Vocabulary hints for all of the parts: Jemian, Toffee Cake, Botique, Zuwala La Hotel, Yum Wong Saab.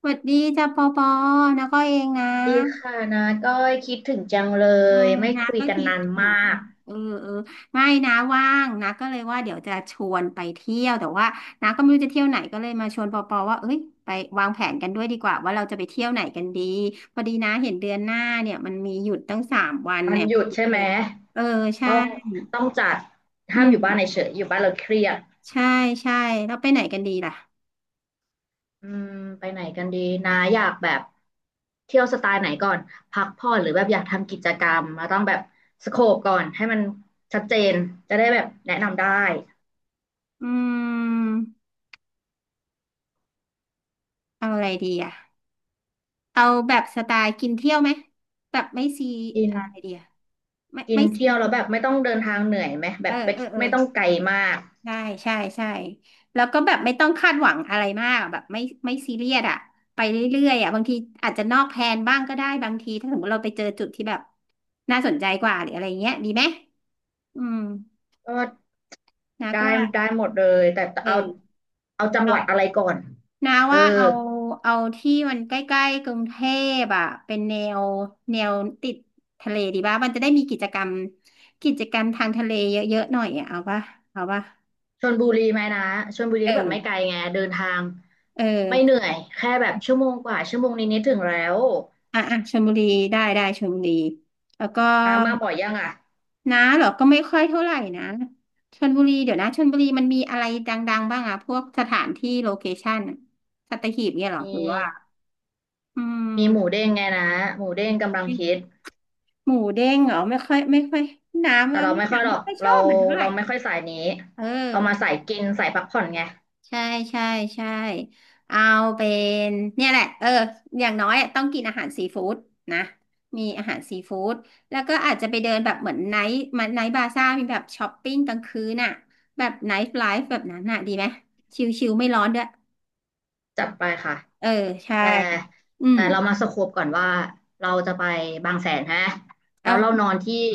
สวัสดีจ้าปอปอนะก็เองนะดีค่ะนะก้อยคิดถึงจังเลเออยไม่นะคุยก็กันคิดนานมถึงากเออเออไม่นะว่างนะก็เลยว่าเดี๋ยวจะชวนไปเที่ยวแต่ว่านะก็ไม่รู้จะเที่ยวไหนก็เลยมาชวนปอปอว่าเอ้ยไปวางแผนกันด้วยดีกว่าว่าเราจะไปเที่ยวไหนกันดีพอดีนะเห็นเดือนหน้าเนี่ยมันมีหยุดตั้ง3 วันวันเนี่ยหวัยุนดพิใช่เศไหมษเออใช่ต้องต้องจัดอืห้ามมอยู่บ้านเฉยๆอยู่บ้านเราเครียดใช่ใช่แล้วไปไหนกันดีล่ะอืมไปไหนกันดีนะอยากแบบเที่ยวสไตล์ไหนก่อนพักผ่อนหรือแบบอยากทำกิจกรรมเราต้องแบบสโคปก่อนให้มันชัดเจนจะได้แบบแนะนำได้อืมเอาอะไรดีอ่ะเอาแบบสไตล์กินเที่ยวไหมแบบไม่ซีกินอะไรดีอะ ไม่กินไม่ซีเที่ยวแล้วแบบไม่ต้องเดินทางเหนื่อยไหมแบเออบไม่เออเออไม่ต้องไกลมากใช่ใช่ใช่แล้วก็แบบไม่ต้องคาดหวังอะไรมากแบบไม่ไม่ซีเรียสอะไปเรื่อยๆอะบางทีอาจจะนอกแผนบ้างก็ได้บางทีถ้าสมมติเราไปเจอจุดที่แบบน่าสนใจกว่าหรืออะไรเงี้ยดีไหมอืมก็ นะได้ก็ว่าได้หมดเลยแต่เอเอาอเอาจังหเอาวัดอะไรก่อนนาเออว่าเอาเอาที่มันใกล้ๆกรุงเทพอ่ะเป็นแนวแนวติดทะเลดีป่ะมันจะได้มีกิจกรรมกิจกรรมทางทะเลเยอะๆหน่อยอะเอาป่ะเอาป่ะชลบุรีไหมนะชลบุรีเอก็แบบไม่ไกอ ลไงเดินทางเไม่เหออนื่อยแค่แบบชั่วโมงกว่าชั่วโมงนิดๆถึงแล้วอ่ะอ่ะชลบุรีได้ได้ชลบุรีแล้วก็นามาบ่อยยังอ่ะน้าเหรอก็ไม่ค่อยเท่าไหร่นะชลบุรีเดี๋ยวนะชลบุรีมันมีอะไรดังๆบ้างอะพวกสถานที่โลเคชั่นอะสัตหีบเนี่ยเหรอมีหรือว่าอืมีหมูมเด้งไงนะหมูเด้งกำลังฮิตหมูเด้งเหรอไม่ค่อยไม่ค่อยน้ำแต่ว่าเราไม่ไม่ค่อยน้ำหรไม่อกค่อยชเราอบมันเท่าไหร่เราไม่ค่อยสายนี้เอเอามาอ สายกินสายพักผ่อนไงใช่ใช่ใช่เอาเป็นเนี่ยแหละเอออย่างน้อยอะต้องกินอาหารซีฟู้ดนะมีอาหารซีฟู้ดแล้วก็อาจจะไปเดินแบบเหมือนไนท์มันไนท์บาซ่ามีแบบช้อปปิ้งกลางคืนน่ะแบบไนท์ไลฟ์แบบนั้นน่ะดีไหมชิลๆไม่ร้อนด้วยจัดไปค่ะ เออใช่แต่อืมเรามาสโคปก่อนว่าเราจะไปบางแสนฮะแล้เอวเรานอนที่ออ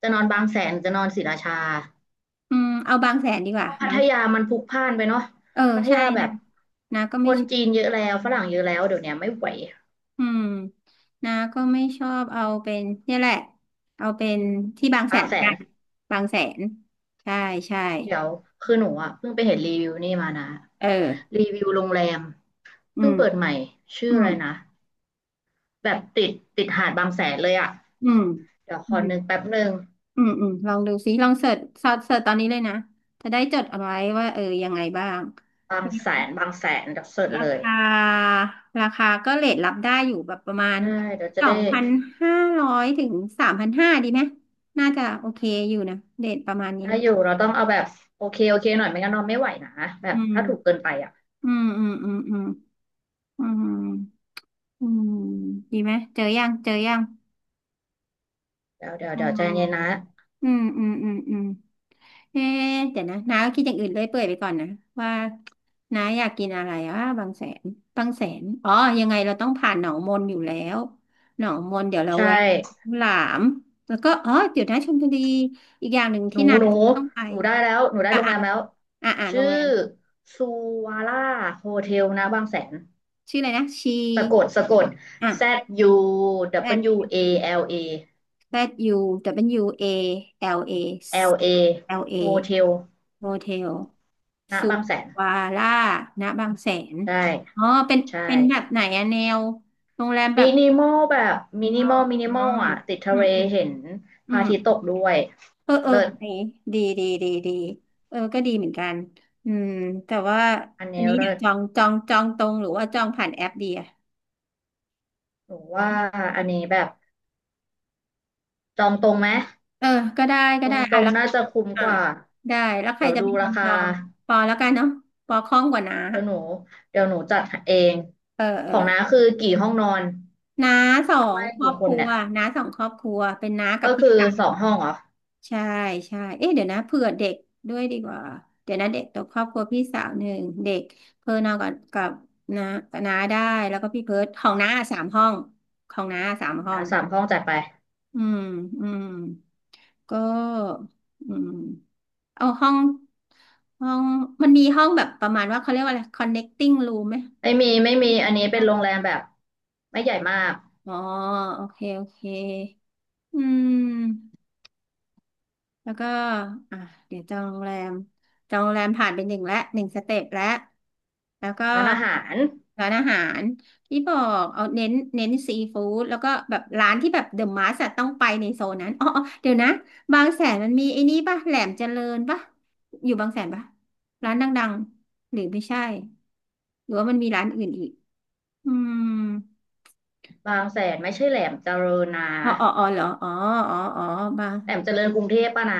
จะนอนบางแสนหรือจะนอนศรีราชาืมเอาบางแสนดีกเพว่าราะพับาทงแสยานมันพลุกพล่านไปเนาะเออพัทใช่ยาแบนะบนะก็คไม่ นจีนเยอะแล้วฝรั่งเยอะแล้วเดี๋ยวเนี้ยไม่ไหวอืมนาก็ไม่ชอบเอาเป็นเนี่ยแหละเอาเป็นที่บางแสบางนแสกันนบางแสนใช่ใช่เดี๋ยวคือหนูอ่ะเพิ่งไปเห็นรีวิวนี่มานะเออรีวิวโรงแรมอืเพิ่งมเปิดใหม่ชื่ออือะมไรนะแบบติดติดหาดบางแสนเลยอ่ะอืมเดี๋ยวขอือมนึกแป๊บหนึ่งอืมอืมลองดูซิลองเสิร์ชซอสเสิร์ชตอนนี้เลยนะจะได้จดเอาไว้ว่าเออยังไงบ้างบางแสนบางแสนเดี๋ยวเสิร์ชราเลคยาราคาก็เรทรับได้อยู่แบบประมาณใช่เดี๋ยวจะสอได้ งพันห้าร้อยถึง3,500ดีไหมน่าจะโอเคอยู่นะเรทประมาณนี้ได้อยู่เราต้องเอาแบบโอเคหน่อยไม่งั้นนอนไม่ไหวนะแบอืบมถ้าถูกเกินไปอ่ะอืมอืมอืมอืม อืมอืมดีไหมเจอยังเจอยังเดี๋ยวเดี๋ยวอ๋เดี๋ยวใจเย็นนะออืมอืมอืมอืมเอ๊ะเดี๋ยวนะน้าก็คิดอย่างอื่นเลื่อยเปื่อยไปก่อนนะว่าน้าอยากกินอะไรอ่ะบางแสนบางแสนอ๋อยังไงเราต้องผ่านหนองมนอยู่แล้วหนองมนเดี๋ยวเราใช่แวะหลามแล้วก็อ๋อเดี๋ยวนะชลบุรีอีกอย่างหนึ่งหนูที่น้าหนูต้องไปได้แล้วหนูได้อ่ะโรงอ่ะแรมแล้วอ่ะอ่ะโรชื่องแรมซูวาร่าโฮเทลนะบางแสนชื่ออะไรนะชีสะกดสะกด อ่ะ Z U แอด W A L A Z U W A L A L A L โฮ A เทล Hotel นะสุบางแสนวาร่าณบางแสนใช่อ๋อ เป็นใช่เป็นแบบไหนอะแนวโรงแรมแบมิบนิมอลแบบมินี้นิเนาะมอลมินิอ๋อมอลอ่ะติดทะอืมเลอืม เห็นพอืระมอาทิตย์ตกด้วยเออเออเลิศดีดีดีดีดีเออก็ดีเหมือนกัน อืม แต่ว่าอันอันนี้นี้เดี๋เลิยวศ จองตรงหรือว่าจองผ่านแอปดีอะ หนูว่าอันนี้แบบจองตรงไหมเออก็ได้ก็จอได้งตรอ่ะงแล้วน่าจะคุ้มอ่ะกว่าได้แล้วใครเดี๋ยวจะดูเป็นครานคาจองปอแล้วกันเนาะปอคล่องกว่าน้าเดี๋ยวหนูจัดเองเออเอขอองน้าคือกี่ห้องนอนน้าสองไม่ครอกี่บคคนรัวเนี่ยน้าสองครอบครัวเป็นน้ากัก็บพี่คือกัว2 ห้องเหรอใช่ใช่เอ๊ะเดี๋ยวนะเผื่อเด็กด้วยดีกว่าเดี๋ยวนะเด็กตัวครอบครัวพี่สาวหนึ่งเด็กเพิ่นเอากับกับน้าน้าได้ แล้วก็พี่เพิร์ทของน้าสามห้องของน้าสามขอห้อน้าง3 ห้องจัดไปอืมอืมก็อืม เอาห้องห้องมันมีห้องแบบประมาณว่าเขาเรียกว่าอะไร connecting room ไหมไม่มีไม่ไมมีมีอันนี้เป็นค่ะโรงแรมแบบไม่ใหญ่มากอ๋อโอเคโอเคอืมแล้วก็อ่ะเดี๋ยวจองโรงแรมจองโรงแรมผ่านไปหนึ่งและหนึ่งสเต็ปแล้วแล้วก็ร้านอาหารร้านอาหารที่บอกเอาเน้นซีฟู้ดแล้วก็แบบร้านที่แบบเดอะมาสต้องไปในโซนนั้นอ๋ออ๋อเดี๋ยวนะบางแสนมันมีไอ้นี่ป่ะแหลมเจริญป่ะอยู่บางแสนป่ะร้านดังๆหรือไม่ใช่ หรือว่ามันมีร้านอื่นอีกอืมบางแสนไม่ใช่แหลมเจริญนะอ๋ออ๋ออ๋อเหรออ๋ออ๋ออ๋อบางแหลมเจริญกรุงเทพป่ะนะ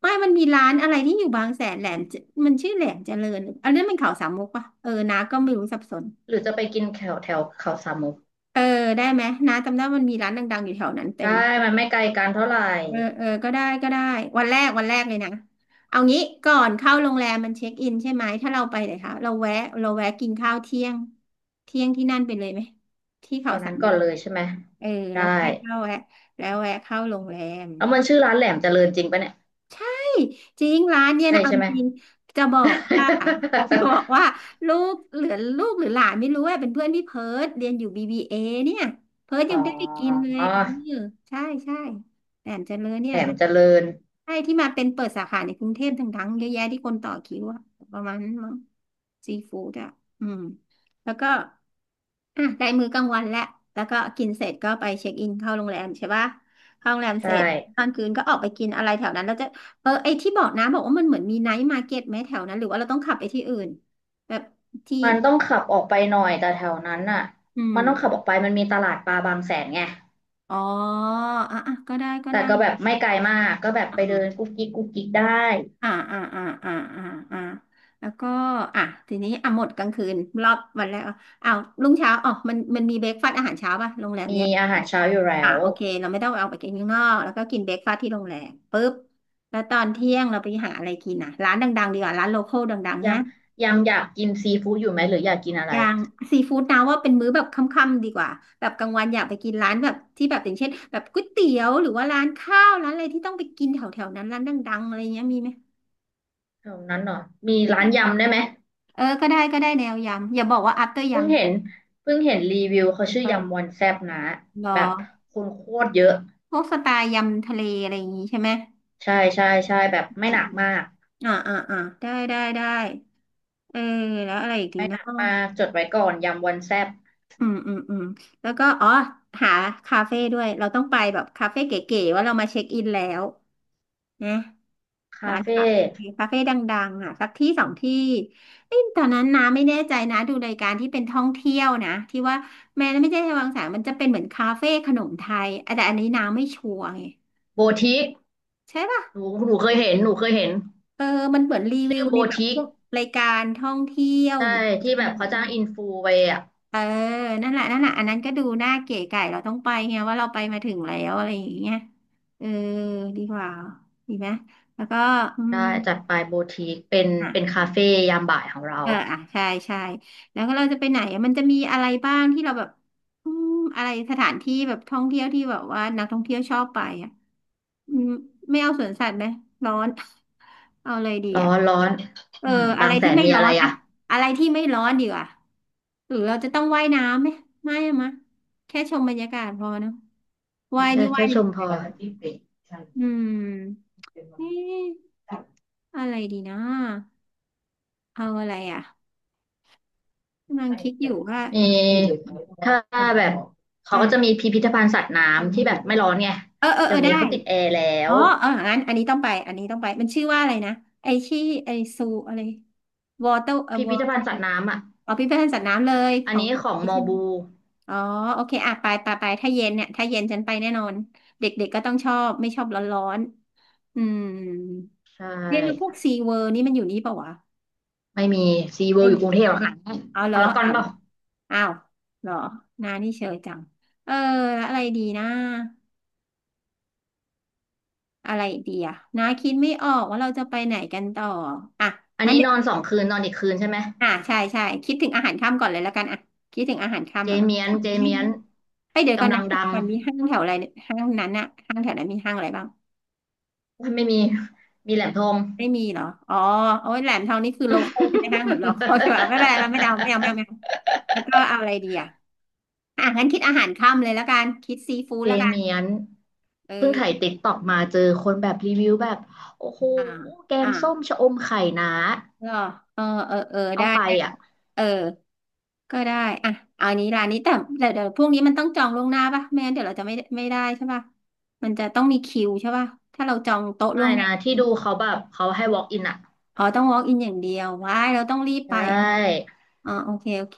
ไม่มันมีร้านอะไรที่อยู่บางแสนแหลมเจมันชื่อแหลมเจริญอันนั้นมันเขาสามมุกปะเออน้าก็ไม่รู้สับสนหรือจะไปกินแถวแถวเขาสามมุกเออได้ไหมน้าจำได้มันมีร้านดังๆอยู่แถวนั้นเต็ได้มมันไม่ไกลกันเท่าไหร่ เออเออก็ได้ก็ได้วันแรกวันแรกเลยนะเอางี้ก่อนเข้าโรงแรมมันเช็คอินใช่ไหมถ้าเราไปไหนคะเราแวะเราแวะกินข้าวเที่ยง เที่ยงที่นั่นไปเลยไหม ที่แถเขาวสานั้นมก่มุอนกเลยใช่ไหมเออแล้ได้วค่อยเข้าแวะแล้วแวะเข้าโรงแรม แล้วมันชื่อร้านแหลมเจริญจริงปะเนี่ยจริงร้านเนี่ยใช่นะเอาใช่ไหม จริงจะบอกว่าจะบอ กว่าลูกเหลือลูกหรือหลานไม่รู้ว่าเป็นเพื่อนพี่เพิร์ดเรียนอยู่ BBA เอเนี่ยเพิร์ดอ๋ยังไม่ได้ไปกินอเลยเออใช่ใช่แต่เจริญเนี่แหลยมนะเจริญใช่ที่มาเป็นเปิดสาขาในกรุงเทพทั้งๆเยอะแยะที่คนต่อคิวอะประมาณนั้นมั้งซีฟู้ดอะอืมแล้วก็อ่ะได้มื้อกลางวันแล้วแล้วก็กินเสร็จก็ไปเช็คอินเข้าโรงแรมใช่ปะเข้าโรงแรมเสใช่ร็จตอนคืนก็ออกไปกินอะไรแถวนั้นแล้ว เออไอที่บอกนะบอกว่ามันเหมือนมีไนท์มาร์เก็ตไหมแถวนั้นหรือว่าเราต้องขับไปที่อื่นแบบที่มันต้องขับออกไปหน่อยแต่แถวนั้นน่ะอืมมันต้องขับออกไปมันมีตลาดปลาบางแสนไงอ๋ออ่ะอ่ะก็ได้ก็แต่ได้ก็แบบไม่ไกลมากก็แบบไปเดิอ่านกุ๊กกิ๊กกุ๊กกิ๊กได้อ่าอ่าอ่าอ่าอ่าอ่าแล้วก็อ่ะทีนี้อ่ะหมดกลางคืนรอบวันแรกอ่ะอ้าวรุ่งเช้าอ๋อมันมีเบรกฟาสต์อาหารเช้าป่ะโรงแรมมีเนี้ยอาหารเช้าอยู่แล้อ่ะวโอเคเราไม่ต้องเอาไปกินข้างนอกแล้วก็กินเบรกฟาสต์ที่โรงแรมปุ๊บแล้วตอนเที่ยงเราไปหาอะไรกินอ่ะร้านดังๆดีกว่าร้านโลคอลดังๆเนี่ยัย งยังอยากกินซีฟู้ดอยู่ไหมหรืออยากกินอะอไรย่างซีฟู้ดนะว่าเป็นมื้อแบบค่ำๆดีกว่าแบบกลางวันอยากไปกินร้านแบบที่แบบอย่างเช่นแบบก๋วยเตี๋ยวหรือว่าร้านข้าวร้านอะไรที่ต้องไปกินแถวๆนั้นร้านดังๆอะไรเงี้ยมีไหมแถวนั้นหน่อยมีอืร้านมยำได้ไหม เออก็ได้ก็ได้แนวยำอย่าบอกว่า after เพิ่งยำนะเห็นเพิ่งเห็นรีวิวเขาชื่คอยำวออะนแซบนะรอแบบคนโคตรเยอะพวกสไตล์ยำทะเลอะไรอย่างงี้ใช่ไหมใช่ใช่ใช่แบบไม่อืหมนักมากได้ได้ได้เออแล้วอะไรอีกดีไม่หเนาะนักมากจดไว้ก่อนยำวอนแซบอืมอืมอืมแล้วก็อ๋อหาคาเฟ่ด้วยเราต้องไปแบบคาเฟ่เก๋ๆว่าเรามาเช็คอินแล้วนะ คาร้านคาเฟ่เฟ่คาเฟ่ดังๆอ่ะสักที่สองที่เอ้ยตอนนั้นน้าไม่แน่ใจนะดูรายการที่เป็นท่องเที่ยวนะที่ว่าแม้ไม่ใช่วังสามมันจะเป็นเหมือนคาเฟ่ขนมไทยอ่ะแต่อันนี้น้าไม่ชัวร์ไงโบทิกใช่ป่ะหนูเคยเห็นเออมันเหมือนรีวิชื่อวโบในแบบทิพกวกรายการท่องเที่ยวอใช่ย่างงี้ที่เป็แบนบแบเขาบว่าจ้างอินฟูไปอ่ะเออนั่นแหละนั่นแหละอันนั้นก็ดูน่าเก๋ไก๋เราต้องไปไงว่าเราไปมาถึงแล้วอะไรอย่างเงี้ยเออดีกว่าดีไหมแล้วก็อืมได้จัดไปโบทิกเป็นอ่เป็นคาเฟ่ะ ยามบ่ายของเราเอออ่ะใช่ใช่แล้วก็เราจะไปไหนอะมันจะมีอะไรบ้างที่เราแบบอืมอะไรสถานที่แบบท่องเที่ยวที่แบบว่านักท่องเที่ยวชอบไปอ่ะอืมไม่เอาสวนสัตว์ไหมร้อน เอาอะไรดีร้อ่ะอนร้อนเอออืมอะบาไรงแสที่นไม่มีร้ออะไรนอะอ่ะอะไรที่ไม่ร้อนดีกว่าหรือเราจะต้องว่ายน้ำไหมไม่อะมะแค่ชมบรรยากาศพอเนอะว่ายแค่นี่ว่ายแค่ในชโรมงพแรอ มอืมเอ๊ะอะไรดีนะเอาอะไรอ่ะ กำลังคิดอยู่ว่ามีถ้าอืมแบบเขาอืก็มจะมีพิพิธภัณฑ์สัตว์น้ำที่แบบไม่ร้อนไงเออเออเอเดี๋ยอวนี้ได้เขาติดแอร์แล้อ๋อวเอองั้นอันนี้ต้องไป อันนี้ต้องไป มันชื่อว่าอะไรนะไอที่ไอซูอะไรวอเตอร์พิวพิอธเตอภัณร์ฑ์สัตว์น้ำอ่ะอ๋อพิพิธภัณฑ์สัตว์น้ำเลยขอันองนี้ของนี่มอใช่ไหมบูอ๋อโอเคอ่ะไปไปไปถ้าเย็นเนี่ยถ้าเย็นฉันไปแน่นอนเด็กๆก็ต้องชอบไม่ชอบร้อนๆอืมใชเนี่ยแล้วพวก่ซีเวิร์นี่มันอยู่นี่ปะวะ ไม่มีซีเวิไม่ลอมียู่กรุงเทพหรอกหนังเอาเหรอพารากอนอ้าวเปล่าอ้าวเหรอนานี่เชยจังเออแล้วอะไรดีนะ อะไรดีอะน้าคิดไม่ออกว่าเราจะไปไหนกันต่ออ่ะอันงั้นนี้เดี๋นยอวน2 คืนนอนอีกคืนใช่ไหมอ่ะใช่ใช่คิดถึงอาหารค่ำก่อนเลยแล้วกันอ่ะคิดถึงอาหารค่ำเจแล้วกันเมียแถนวเจนั้นมีเมียห้านงไปเดี๋ยวก่อนกำลันะงดังก่อนมีห้างแถวอะไรเนี่ยห้างนั้นอะห้างแถวนั้นมีห้างอะไรบ้าง ไม่มีมีแหลมทอง ไม่มีเหรออ๋อโอ้ยแหลมทองนี่คือโลคอลใช่ไหมห้างแบบโลคอลใช่ป่ะไม่เป็นไรมันไม่เอาไม่เอาไม่เอาไม่เอาแล้วก็เอาอะไรดีอะอ่ะงั้นคิดอาหารค่ำเลยแล้วกัน คิดซีฟู้ดเจแล้วกัน เมียนเอเพิ่งอถ่ายติ๊กตอกมาเจอคนแบบรีวิวแบบโอ้โหอ่าแกอ่างส้มชะอมไข่นะเ็อเออ เออเออต้อได้งไปได้อ่ะเออก็ได้ อ่ะเอาอันนี้ร้านนี้แต่แต่เดี๋ยวพวกนี้มันต้องจองล่วงหน้าป่ะไม่งั้นเดี๋ยวเราจะไม่ได้ใช่ป่ะมันจะต้องมีคิวใช่ป่ะถ้าเราจองโต๊ะล่ไม่วงหน้านะที่ดูเขาแบบเขาให้ walk in อ่ะอ๋อต้อง walk in อย่างเดียวว้ายเราต้องรีบใชไป่อ๋อโอเคโอเค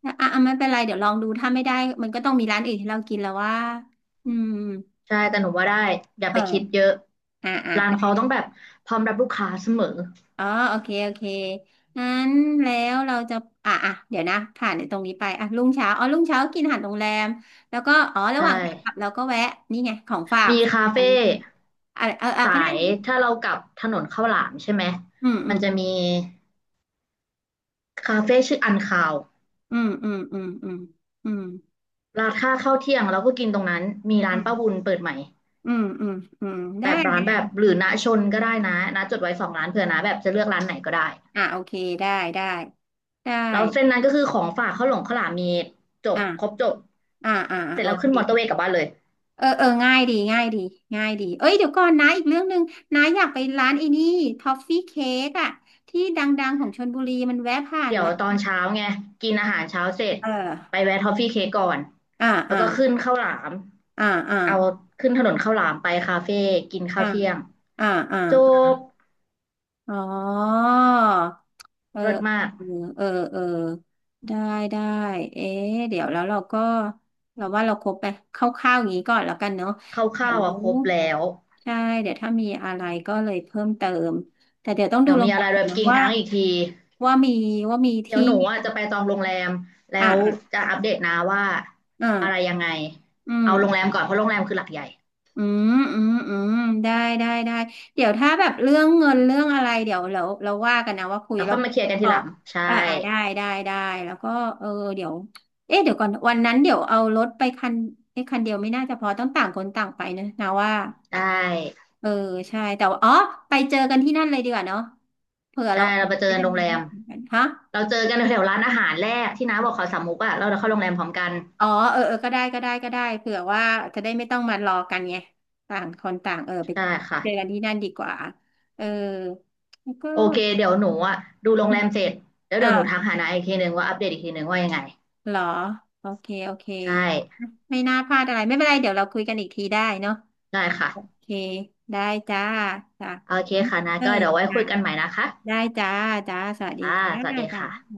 แล้วอ่ะอ่ะไม่เป็นไรเดี๋ยวลองดู ถ้าไม่ได้มันก็ต้องมีร้านอื่นให้เรากินแล้วว่าอืมใช่แต่หนูว่าได้อย่าไปคิดเออเยอะอ่ะร้านอ่ะ เขาต้องแบบพร้อมรับลูกค้าเสมออ๋อโอเคโอเคงั้นแล้วเราจะอ่ะอ่ะเดี๋ยวนะผ่านในตรงนี้ไปอ่ะรุ่งเช้าอ๋อรุ่งเช้ากินอาหารโรงแรมแล้วก็อ๋อระหใช่ว่างขากลับเราก็แวะนี่ไงของฝากมีคาอันเฟ่อะไรเออสาก็ได้ยถ้าเรากลับถนนข้าวหลามใช่ไหมอืมอืมันมจะมีคาเฟ่ชื่ออันคาวอืมอืมอืมอืมอืมราคาข้าวเที่ยงเราก็กินตรงนั้นมีร้านป้าอบุญเปิดใหม่ ืมอืมอืมอืมแบได้บร้าได้นแบบหรือณชนก็ได้นะนะจดไว้2 ร้านเผื่อนะแบบจะเลือกร้านไหนก็ได้อ่ะโอเคได้ได้ได้แล้วเส้นนั้นก็คือของฝากข้าวหลงข้าวหลามมีจบครบอ่ะจบอ่ะอ่ะเสร็จโอแล้วขึ้นมอเตอร์เวเค ย์กลับบ้านเลยเออเออง่ายดีง่ายดีง่ายดีเอ้ยเดี๋ยวก่อนนะอีกเรื่องหนึ่งนะอยากไปร้านไอ้นี่ท็อฟฟี่เค้กอะที่ดังๆของชลบุรีมันแวะผ่านเดี๋ยวมาตอนเช้าไงกินอาหารเช้าเสร็จเอไปอแวะทอฟฟี่เค้กก่อนอ่าแล้วอ่าก็ขึ้นข้าวหลามอ่าอ่าเอาขึ้นถนนข้าวหลามไปคาเฟ่กินข้าอ่าวเที่ยงอ่าอ่า จบอ๋อเออรสมากเออเออ เออ ได้ได้เอ๊ะเดี๋ยวแล้วเราก็เราว่าเราครบไปคร่าวๆอย่างนี้ก่อนแล้วกันเนาะ เดี๋ยข้าววๆอ่ะครบแล้วใช่ เดี๋ยวถ้ามีอะไรก็เลยเพิ่มเติม แต่เดี๋ยวต้องดูเดี๋ยวโรมีงแรอะไรมก่แบอนบนะกินกว่าลางอีกที ว่ามีว่ามีเดี๋ยวที่หนูอ่ะจะไปจองโรงแรมแล้อ่ะวอ่ะจะอัปเดตนะว่าอ่ะอะไรยังไงอืม เอาโรงแรมก่อนเพราะโรงแรมคือหลักใหญ่อืมอืมอืมได้ได้ได้เดี๋ยวถ้าแบบเรื่องเงินเรื่องอะไรเดี๋ยวเราว่ากันนะว่าคุยแล้วแล้ค่วอยมาเคลียร์กันพทีอหลังใช่อ่าอ่าได้ได้ได้แล้วก็เออเดี๋ยวเอ๊ะเดี๋ยวก่อนวันนั้นเดี๋ยวเอารถไปคันไอ้ยคันเดียวไม่น่าจะพอต้องต่างคนต่างไปนะว่าใช่เออใช่แต่ว่าอ๋อไปเจอกันที่นั่นเลยดีกว่าเนาะเผื่อใช่เราเราไปเจอไปกันทำโรอะงไรแรที่มสำคันฮะ เราเจอกันแถวร้านอาหารแรกที่น้าบอกเขาสามมุกอ่ะแล้วเราเดเข้าโรงแรมพร้อมกันอ๋อเออเออก็ได้เผื่อว่าจะได้ไม่ต้องมารอกันไงต่างคนต่างเออไปใช่เจอกัค่ะนที่นั่นดีกว่าเออแล้วก็โอเคเดี๋ยวหนูอ่ะดูโรงอืแรมมเสร็จแล้วอ่ะเดี๋ยวหนูทักหาน้าอีกทีหนึ่งว่าอัปเดตอีกทีหนึ่งว่ายังไงเหรอโอเคโอเคใช่ไม่น่าพลาดอะไรไม่เป็นไรเดี๋ยวเราคุยกันอีกทีได้เนาะได้ค่ะโอเคได้จ้าจ้าโอเคค่ะนะเออก็เดี๋ยวไว้จ้าคุยกันใหม่นะคะได้จ้าจ้าสวัสดีค่ะจ้าสวัสดีจ้าค่ะ